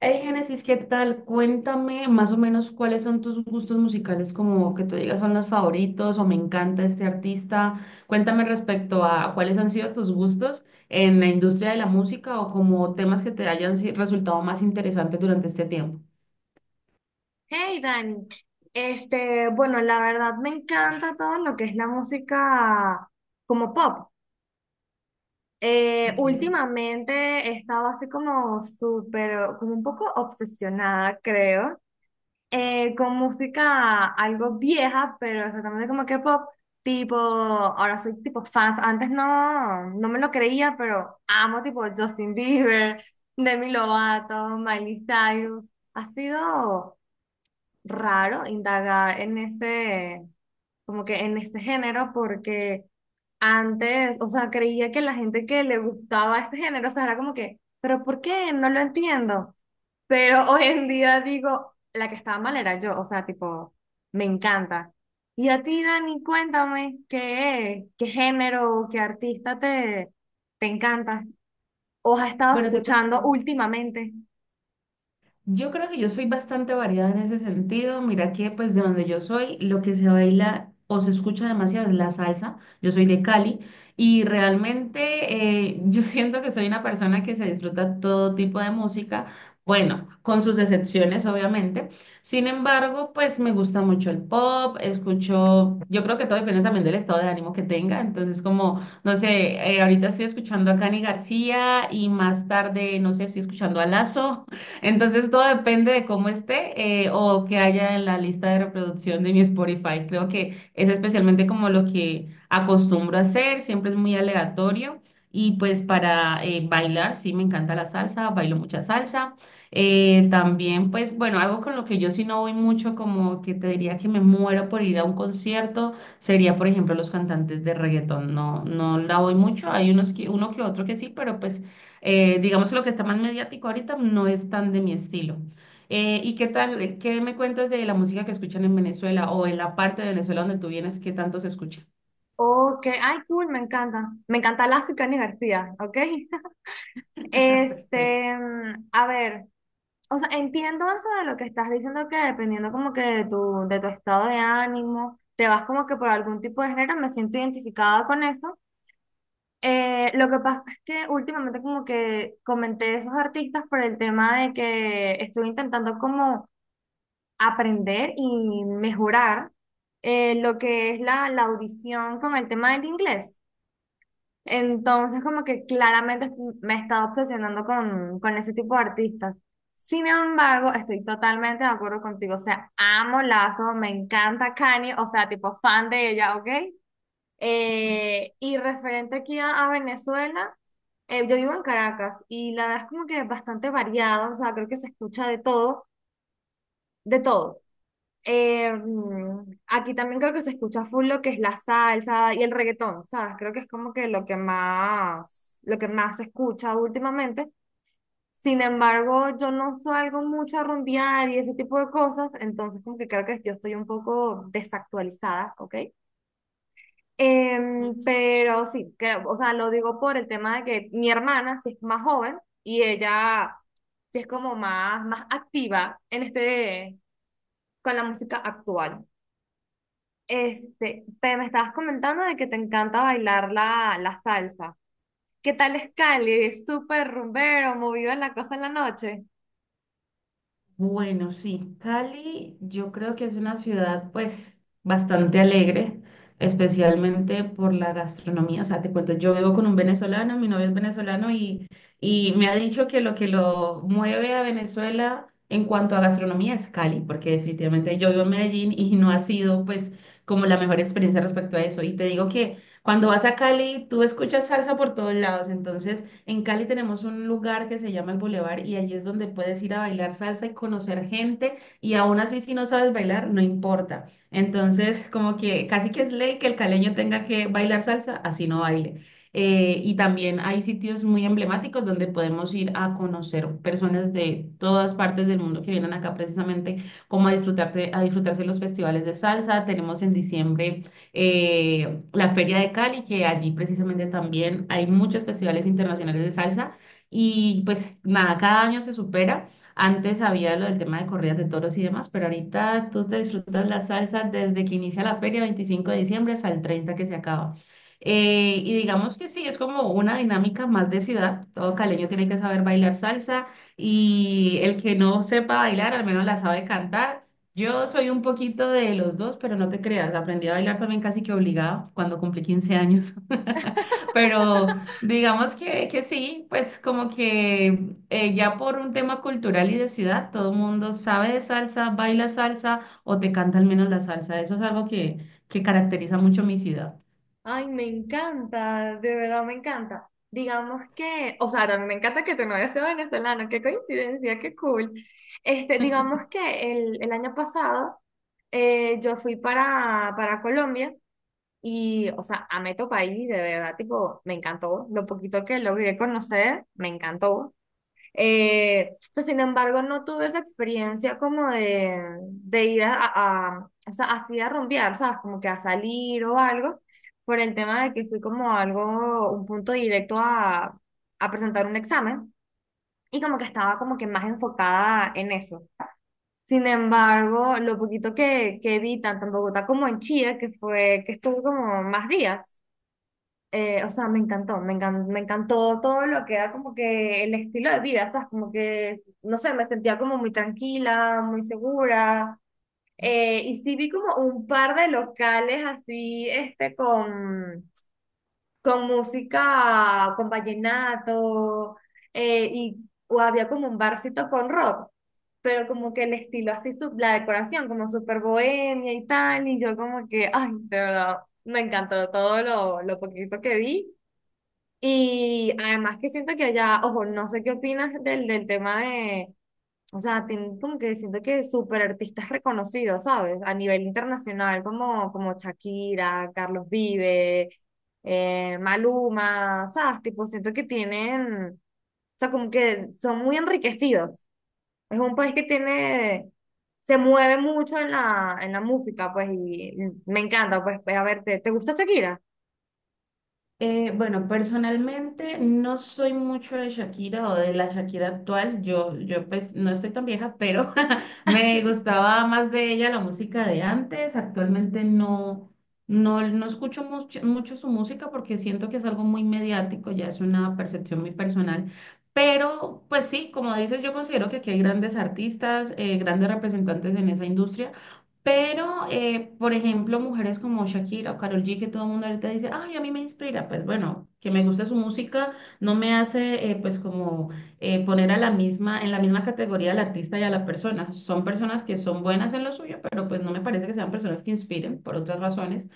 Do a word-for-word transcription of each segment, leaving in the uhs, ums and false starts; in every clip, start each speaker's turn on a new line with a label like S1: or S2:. S1: Hey, Génesis, ¿qué tal? Cuéntame más o menos cuáles son tus gustos musicales, como que tú digas son los favoritos o me encanta este artista. Cuéntame respecto a cuáles han sido tus gustos en la industria de la música o como temas que te hayan si- resultado más interesantes durante este tiempo.
S2: Hey Dani, este, bueno, la verdad me encanta todo lo que es la música como pop. Eh,
S1: Ok.
S2: últimamente he estado así como súper, como un poco obsesionada, creo, eh, con música algo vieja, pero exactamente como que pop, tipo, ahora soy tipo fans, antes no, no me lo creía, pero amo tipo Justin Bieber, Demi Lovato, Miley Cyrus, ha sido raro indagar en ese, como que en ese género, porque antes, o sea, creía que la gente que le gustaba este género, o sea, era como que, pero ¿por qué? No lo entiendo. Pero hoy en día digo, la que estaba mal era yo, o sea, tipo, me encanta. Y a ti, Dani, cuéntame qué, qué género, o qué artista te, te encanta o has estado
S1: Bueno, te
S2: escuchando
S1: cuento.
S2: últimamente.
S1: Yo creo que yo soy bastante variada en ese sentido. Mira que pues de donde yo soy, lo que se baila o se escucha demasiado es la salsa. Yo soy de Cali y realmente eh, yo siento que soy una persona que se disfruta todo tipo de música, bueno, con sus excepciones obviamente. Sin embargo, pues me gusta mucho el pop, escucho, yo creo que todo depende también del estado de ánimo que tenga. Entonces como, no sé, eh, ahorita estoy escuchando a Cani García y más tarde, no sé, estoy escuchando a Lazo. Entonces todo depende de cómo esté eh, o que haya en la lista de reproducción de mi Spotify. Creo que es especialmente como lo que acostumbro a hacer, siempre es muy aleatorio. Y pues para eh, bailar, sí, me encanta la salsa, bailo mucha salsa. Eh, también pues bueno, algo con lo que yo sí no voy mucho, como que te diría que me muero por ir a un concierto, sería por ejemplo los cantantes de reggaetón. No, no la voy mucho, hay unos que, uno que otro que sí, pero pues. Eh, digamos que lo que está más mediático ahorita no es tan de mi estilo. Eh, ¿y qué tal, qué me cuentas de la música que escuchan en Venezuela o en la parte de Venezuela donde tú vienes, qué tanto se escucha?
S2: O que, ay, cool, me encanta. Me encanta Lázaro y Cani García, ¿ok?
S1: Perfecto.
S2: Este, mm, a ver, o sea, entiendo eso de lo que estás diciendo, que dependiendo como que de tu, de tu estado de ánimo, te vas como que por algún tipo de género, me siento identificada con eso. Eh, lo que pasa es que últimamente como que comenté esos artistas por el tema de que estoy intentando como aprender y mejorar eh, lo que es la, la audición con el tema del inglés. Entonces, como que claramente me estaba obsesionando con, con ese tipo de artistas. Sin embargo, estoy totalmente de acuerdo contigo. O sea, amo Lazo, me encanta Kanye, o sea, tipo fan de ella, ¿ok? Eh, y referente aquí a, a Venezuela, eh, yo vivo en Caracas y la verdad es como que bastante variado, o sea, creo que se escucha de todo, de todo. Eh, mm, aquí también creo que se escucha full lo que es la salsa y el reggaetón, ¿sabes? Creo que es como que lo que más, lo que más se escucha últimamente. Sin embargo, yo no salgo mucho a rumbear y ese tipo de cosas, entonces como que creo que yo estoy un poco desactualizada, ¿ok? Em, pero sí, creo- o sea, lo digo por el tema de que mi hermana sí es más joven y ella sí es como más, más activa en este, con la música actual. Este, te me estabas comentando de que te encanta bailar la, la salsa. ¿Qué tal es Cali? Es súper rumbero, movido en la cosa en la noche.
S1: Bueno, sí, Cali yo creo que es una ciudad pues bastante alegre, especialmente por la gastronomía. O sea, te cuento, yo vivo con un venezolano, mi novio es venezolano y, y me ha dicho que lo que lo mueve a Venezuela en cuanto a gastronomía es Cali, porque definitivamente yo vivo en Medellín y no ha sido pues como la mejor experiencia respecto a eso. Y te digo que cuando vas a Cali, tú escuchas salsa por todos lados, entonces... En Cali tenemos un lugar que se llama el Boulevard y allí es donde puedes ir a bailar salsa y conocer gente y aún así si no sabes bailar, no importa. Entonces, como que casi que es ley que el caleño tenga que bailar salsa, así no baile. Eh, y también hay sitios muy emblemáticos donde podemos ir a conocer personas de todas partes del mundo que vienen acá precisamente como a disfrutarte, a disfrutarse los festivales de salsa. Tenemos en diciembre eh, la Feria de Cali, que allí precisamente también hay muchos festivales internacionales de salsa y pues nada, cada año se supera. Antes había lo del tema de corridas de toros y demás, pero ahorita tú te disfrutas la salsa desde que inicia la feria, veinticinco de diciembre, hasta el treinta que se acaba. Eh, y digamos que sí, es como una dinámica más de ciudad. Todo caleño tiene que saber bailar salsa y el que no sepa bailar, al menos la sabe cantar. Yo soy un poquito de los dos, pero no te creas, aprendí a bailar también casi que obligada cuando cumplí quince años. Pero digamos que, que sí, pues como que eh, ya por un tema cultural y de ciudad, todo el mundo sabe de salsa, baila salsa o te canta al menos la salsa. Eso es algo que, que caracteriza mucho mi ciudad.
S2: Ay, me encanta, de verdad me encanta. Digamos que, o sea, también me encanta que tu novio sea venezolano, qué coincidencia, qué cool. Este, digamos que el, el año pasado eh, yo fui para, para Colombia y, o sea, amé tu país, de verdad, tipo, me encantó. Lo poquito que logré conocer, me encantó. Eh, o sea, sin embargo, no tuve esa experiencia como de, de ir a, a- o sea, así a rumbear, ¿sabes? Como que a salir o algo, por el tema de que fui como algo, un punto directo a, a presentar un examen y como que estaba como que más enfocada en eso. Sin embargo, lo poquito que, que vi tanto en Bogotá como en Chile, que fue que estuve como más días eh, o sea, me encantó, me encan- me encantó todo lo que era como que el estilo de vida, ¿sabes? Como que, no sé, me sentía como muy tranquila, muy segura. Eh, y sí vi como un par de locales así, este, con, con música, con vallenato, eh, y o había como un barcito con rock, pero como que el estilo así, su- la decoración como súper bohemia y tal, y yo como que, ay, de verdad, me encantó todo lo, lo poquito que vi. Y además que siento que allá, ojo, no sé qué opinas del, del tema de, o sea, tienen como que siento que súper artistas reconocidos, ¿sabes? A nivel internacional, como, como Shakira, Carlos Vive, eh, Maluma, ¿sabes? Tipo, siento que tienen, o sea, como que son muy enriquecidos. Es un país que tiene, se mueve mucho en la, en la música, pues, y me encanta, pues, pues, a ver, ¿te, te gusta Shakira?
S1: Eh, bueno, personalmente no soy mucho de Shakira o de la Shakira actual. Yo, yo pues no estoy tan vieja, pero me gustaba más de ella la música de antes. Actualmente no, no, no escucho mucho, mucho su música porque siento que es algo muy mediático, ya es una percepción muy personal. Pero pues sí, como dices, yo considero que aquí hay grandes artistas, eh, grandes representantes en esa industria. Pero, eh, por ejemplo, mujeres como Shakira o Karol G, que todo el mundo ahorita dice, ay, a mí me inspira, pues bueno, que me guste su música no me hace, eh, pues como eh, poner a la misma, en la misma categoría al artista y a la persona. Son personas que son buenas en lo suyo, pero pues no me parece que sean personas que inspiren por otras razones.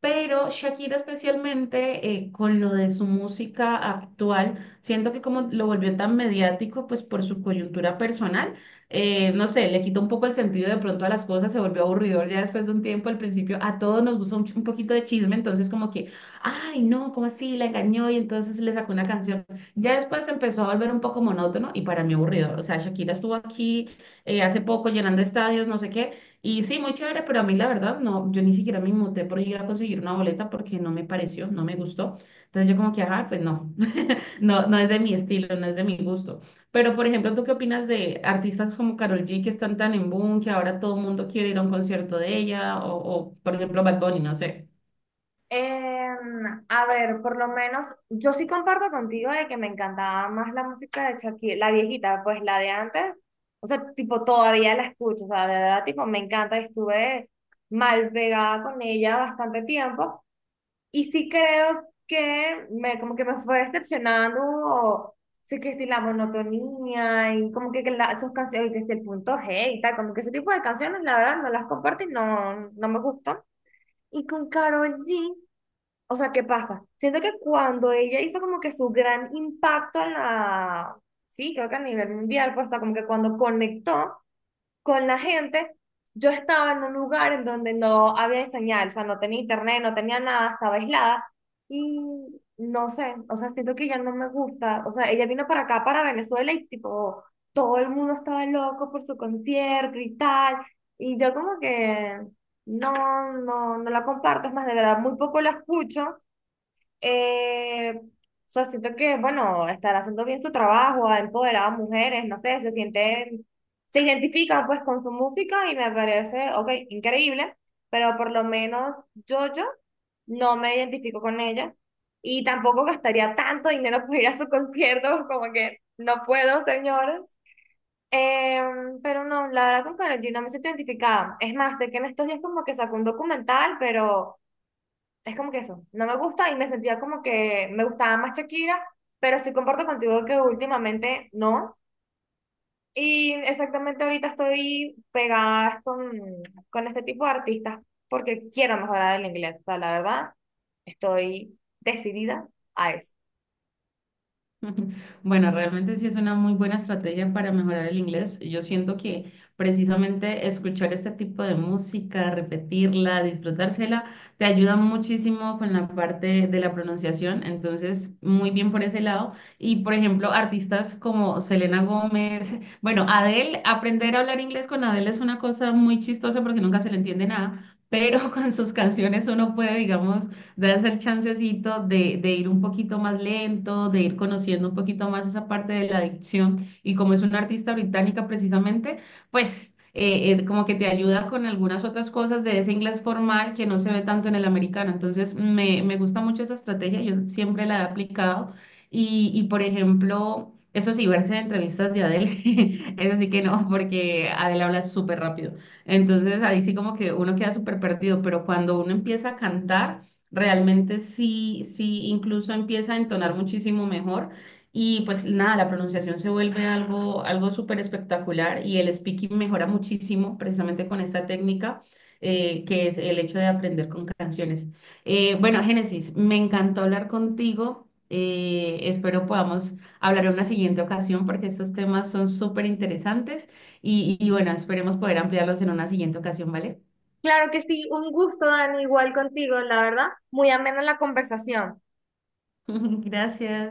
S1: Pero Shakira especialmente eh, con lo de su música actual, siento que como lo volvió tan mediático, pues por su coyuntura personal, eh, no sé, le quitó un poco el sentido de pronto a las cosas, se volvió aburridor ya después de un tiempo, al principio a todos nos gusta un, ch- un poquito de chisme, entonces como que, ay no, ¿cómo así? La engañó y entonces le sacó una canción. Ya después se empezó a volver un poco monótono y para mí aburridor, o sea, Shakira estuvo aquí eh, hace poco llenando estadios, no sé qué. Y sí, muy chévere, pero a mí la verdad, no, yo ni siquiera me muté por ir a conseguir una boleta porque no me pareció, no me gustó. Entonces yo como que, ajá, pues no, no, no es de mi estilo, no es de mi gusto. Pero, por ejemplo, ¿tú qué opinas de artistas como Karol G que están tan en boom, que ahora todo el mundo quiere ir a un concierto de ella? O, o por ejemplo, Bad Bunny, no sé.
S2: Em, a ver, por lo menos yo sí comparto contigo de que me encantaba más la música de Shakira, la viejita, pues la de antes, o sea, tipo todavía la escucho, o sea, de verdad, tipo me encanta, estuve mal pegada con ella bastante tiempo y sí creo que me, como que me fue decepcionando, o, sí que sí la monotonía y como que, que la, sus canciones, que sí, el punto G y tal, como que ese tipo de canciones, la verdad, no las comparto y no, no me gustan. Y con Karol G. O sea, ¿qué pasa? Siento que cuando ella hizo como que su gran impacto en la, sí, creo que a nivel mundial, pues, o sea, como que cuando conectó con la gente, yo estaba en un lugar en donde no había señal, o sea, no tenía internet, no tenía nada, estaba aislada y no sé, o sea, siento que ya no me gusta, o sea, ella vino para acá, para Venezuela y tipo, todo el mundo estaba loco por su concierto y tal, y yo como que... No, no, no la comparto, es más, de verdad, muy poco la escucho eh, o sea, siento que, bueno, están haciendo bien su trabajo, ha empoderado a mujeres, no sé, se sienten, se identifican pues con su música y me parece, ok, increíble, pero por lo menos yo, yo no me identifico con ella y tampoco gastaría tanto dinero por ir a su concierto, como que no puedo, señores. Eh, pero no, la verdad con Karol G no me siento identificada. Es más, sé que en estos días como que sacó un documental, pero... Es como que eso, no me gusta y me sentía como que me gustaba más Shakira, pero sí comparto contigo que últimamente no. Y exactamente ahorita estoy pegada con, con este tipo de artistas porque quiero mejorar el inglés. O sea, la verdad, estoy decidida a eso.
S1: Bueno, realmente sí es una muy buena estrategia para mejorar el inglés. Yo siento que precisamente escuchar este tipo de música, repetirla, disfrutársela, te ayuda muchísimo con la parte de la pronunciación. Entonces, muy bien por ese lado. Y, por ejemplo, artistas como Selena Gómez, bueno, Adele, aprender a hablar inglés con Adele es una cosa muy chistosa porque nunca se le entiende nada. Pero con sus canciones uno puede, digamos, de hacer chancecito, de, de ir un poquito más lento, de ir conociendo un poquito más esa parte de la adicción. Y como es una artista británica precisamente, pues eh, eh, como que te ayuda con algunas otras cosas de ese inglés formal que no se ve tanto en el americano. Entonces, me, me gusta mucho esa estrategia, yo siempre la he aplicado. Y, y por ejemplo, eso sí, verse en entrevistas de Adele, eso sí que no, porque Adele habla súper rápido. Entonces, ahí sí como que uno queda súper perdido, pero cuando uno empieza a cantar. Realmente sí, sí, incluso empieza a entonar muchísimo mejor y pues nada, la pronunciación se vuelve algo, algo súper espectacular y el speaking mejora muchísimo precisamente con esta técnica eh, que es el hecho de aprender con canciones. Eh, bueno, Génesis, me encantó hablar contigo. eh, espero podamos hablar en una siguiente ocasión porque estos temas son súper interesantes y, y bueno, esperemos poder ampliarlos en una siguiente ocasión, ¿vale?
S2: Claro que sí, un gusto, Dani, igual contigo, la verdad. Muy amena la conversación.
S1: Gracias.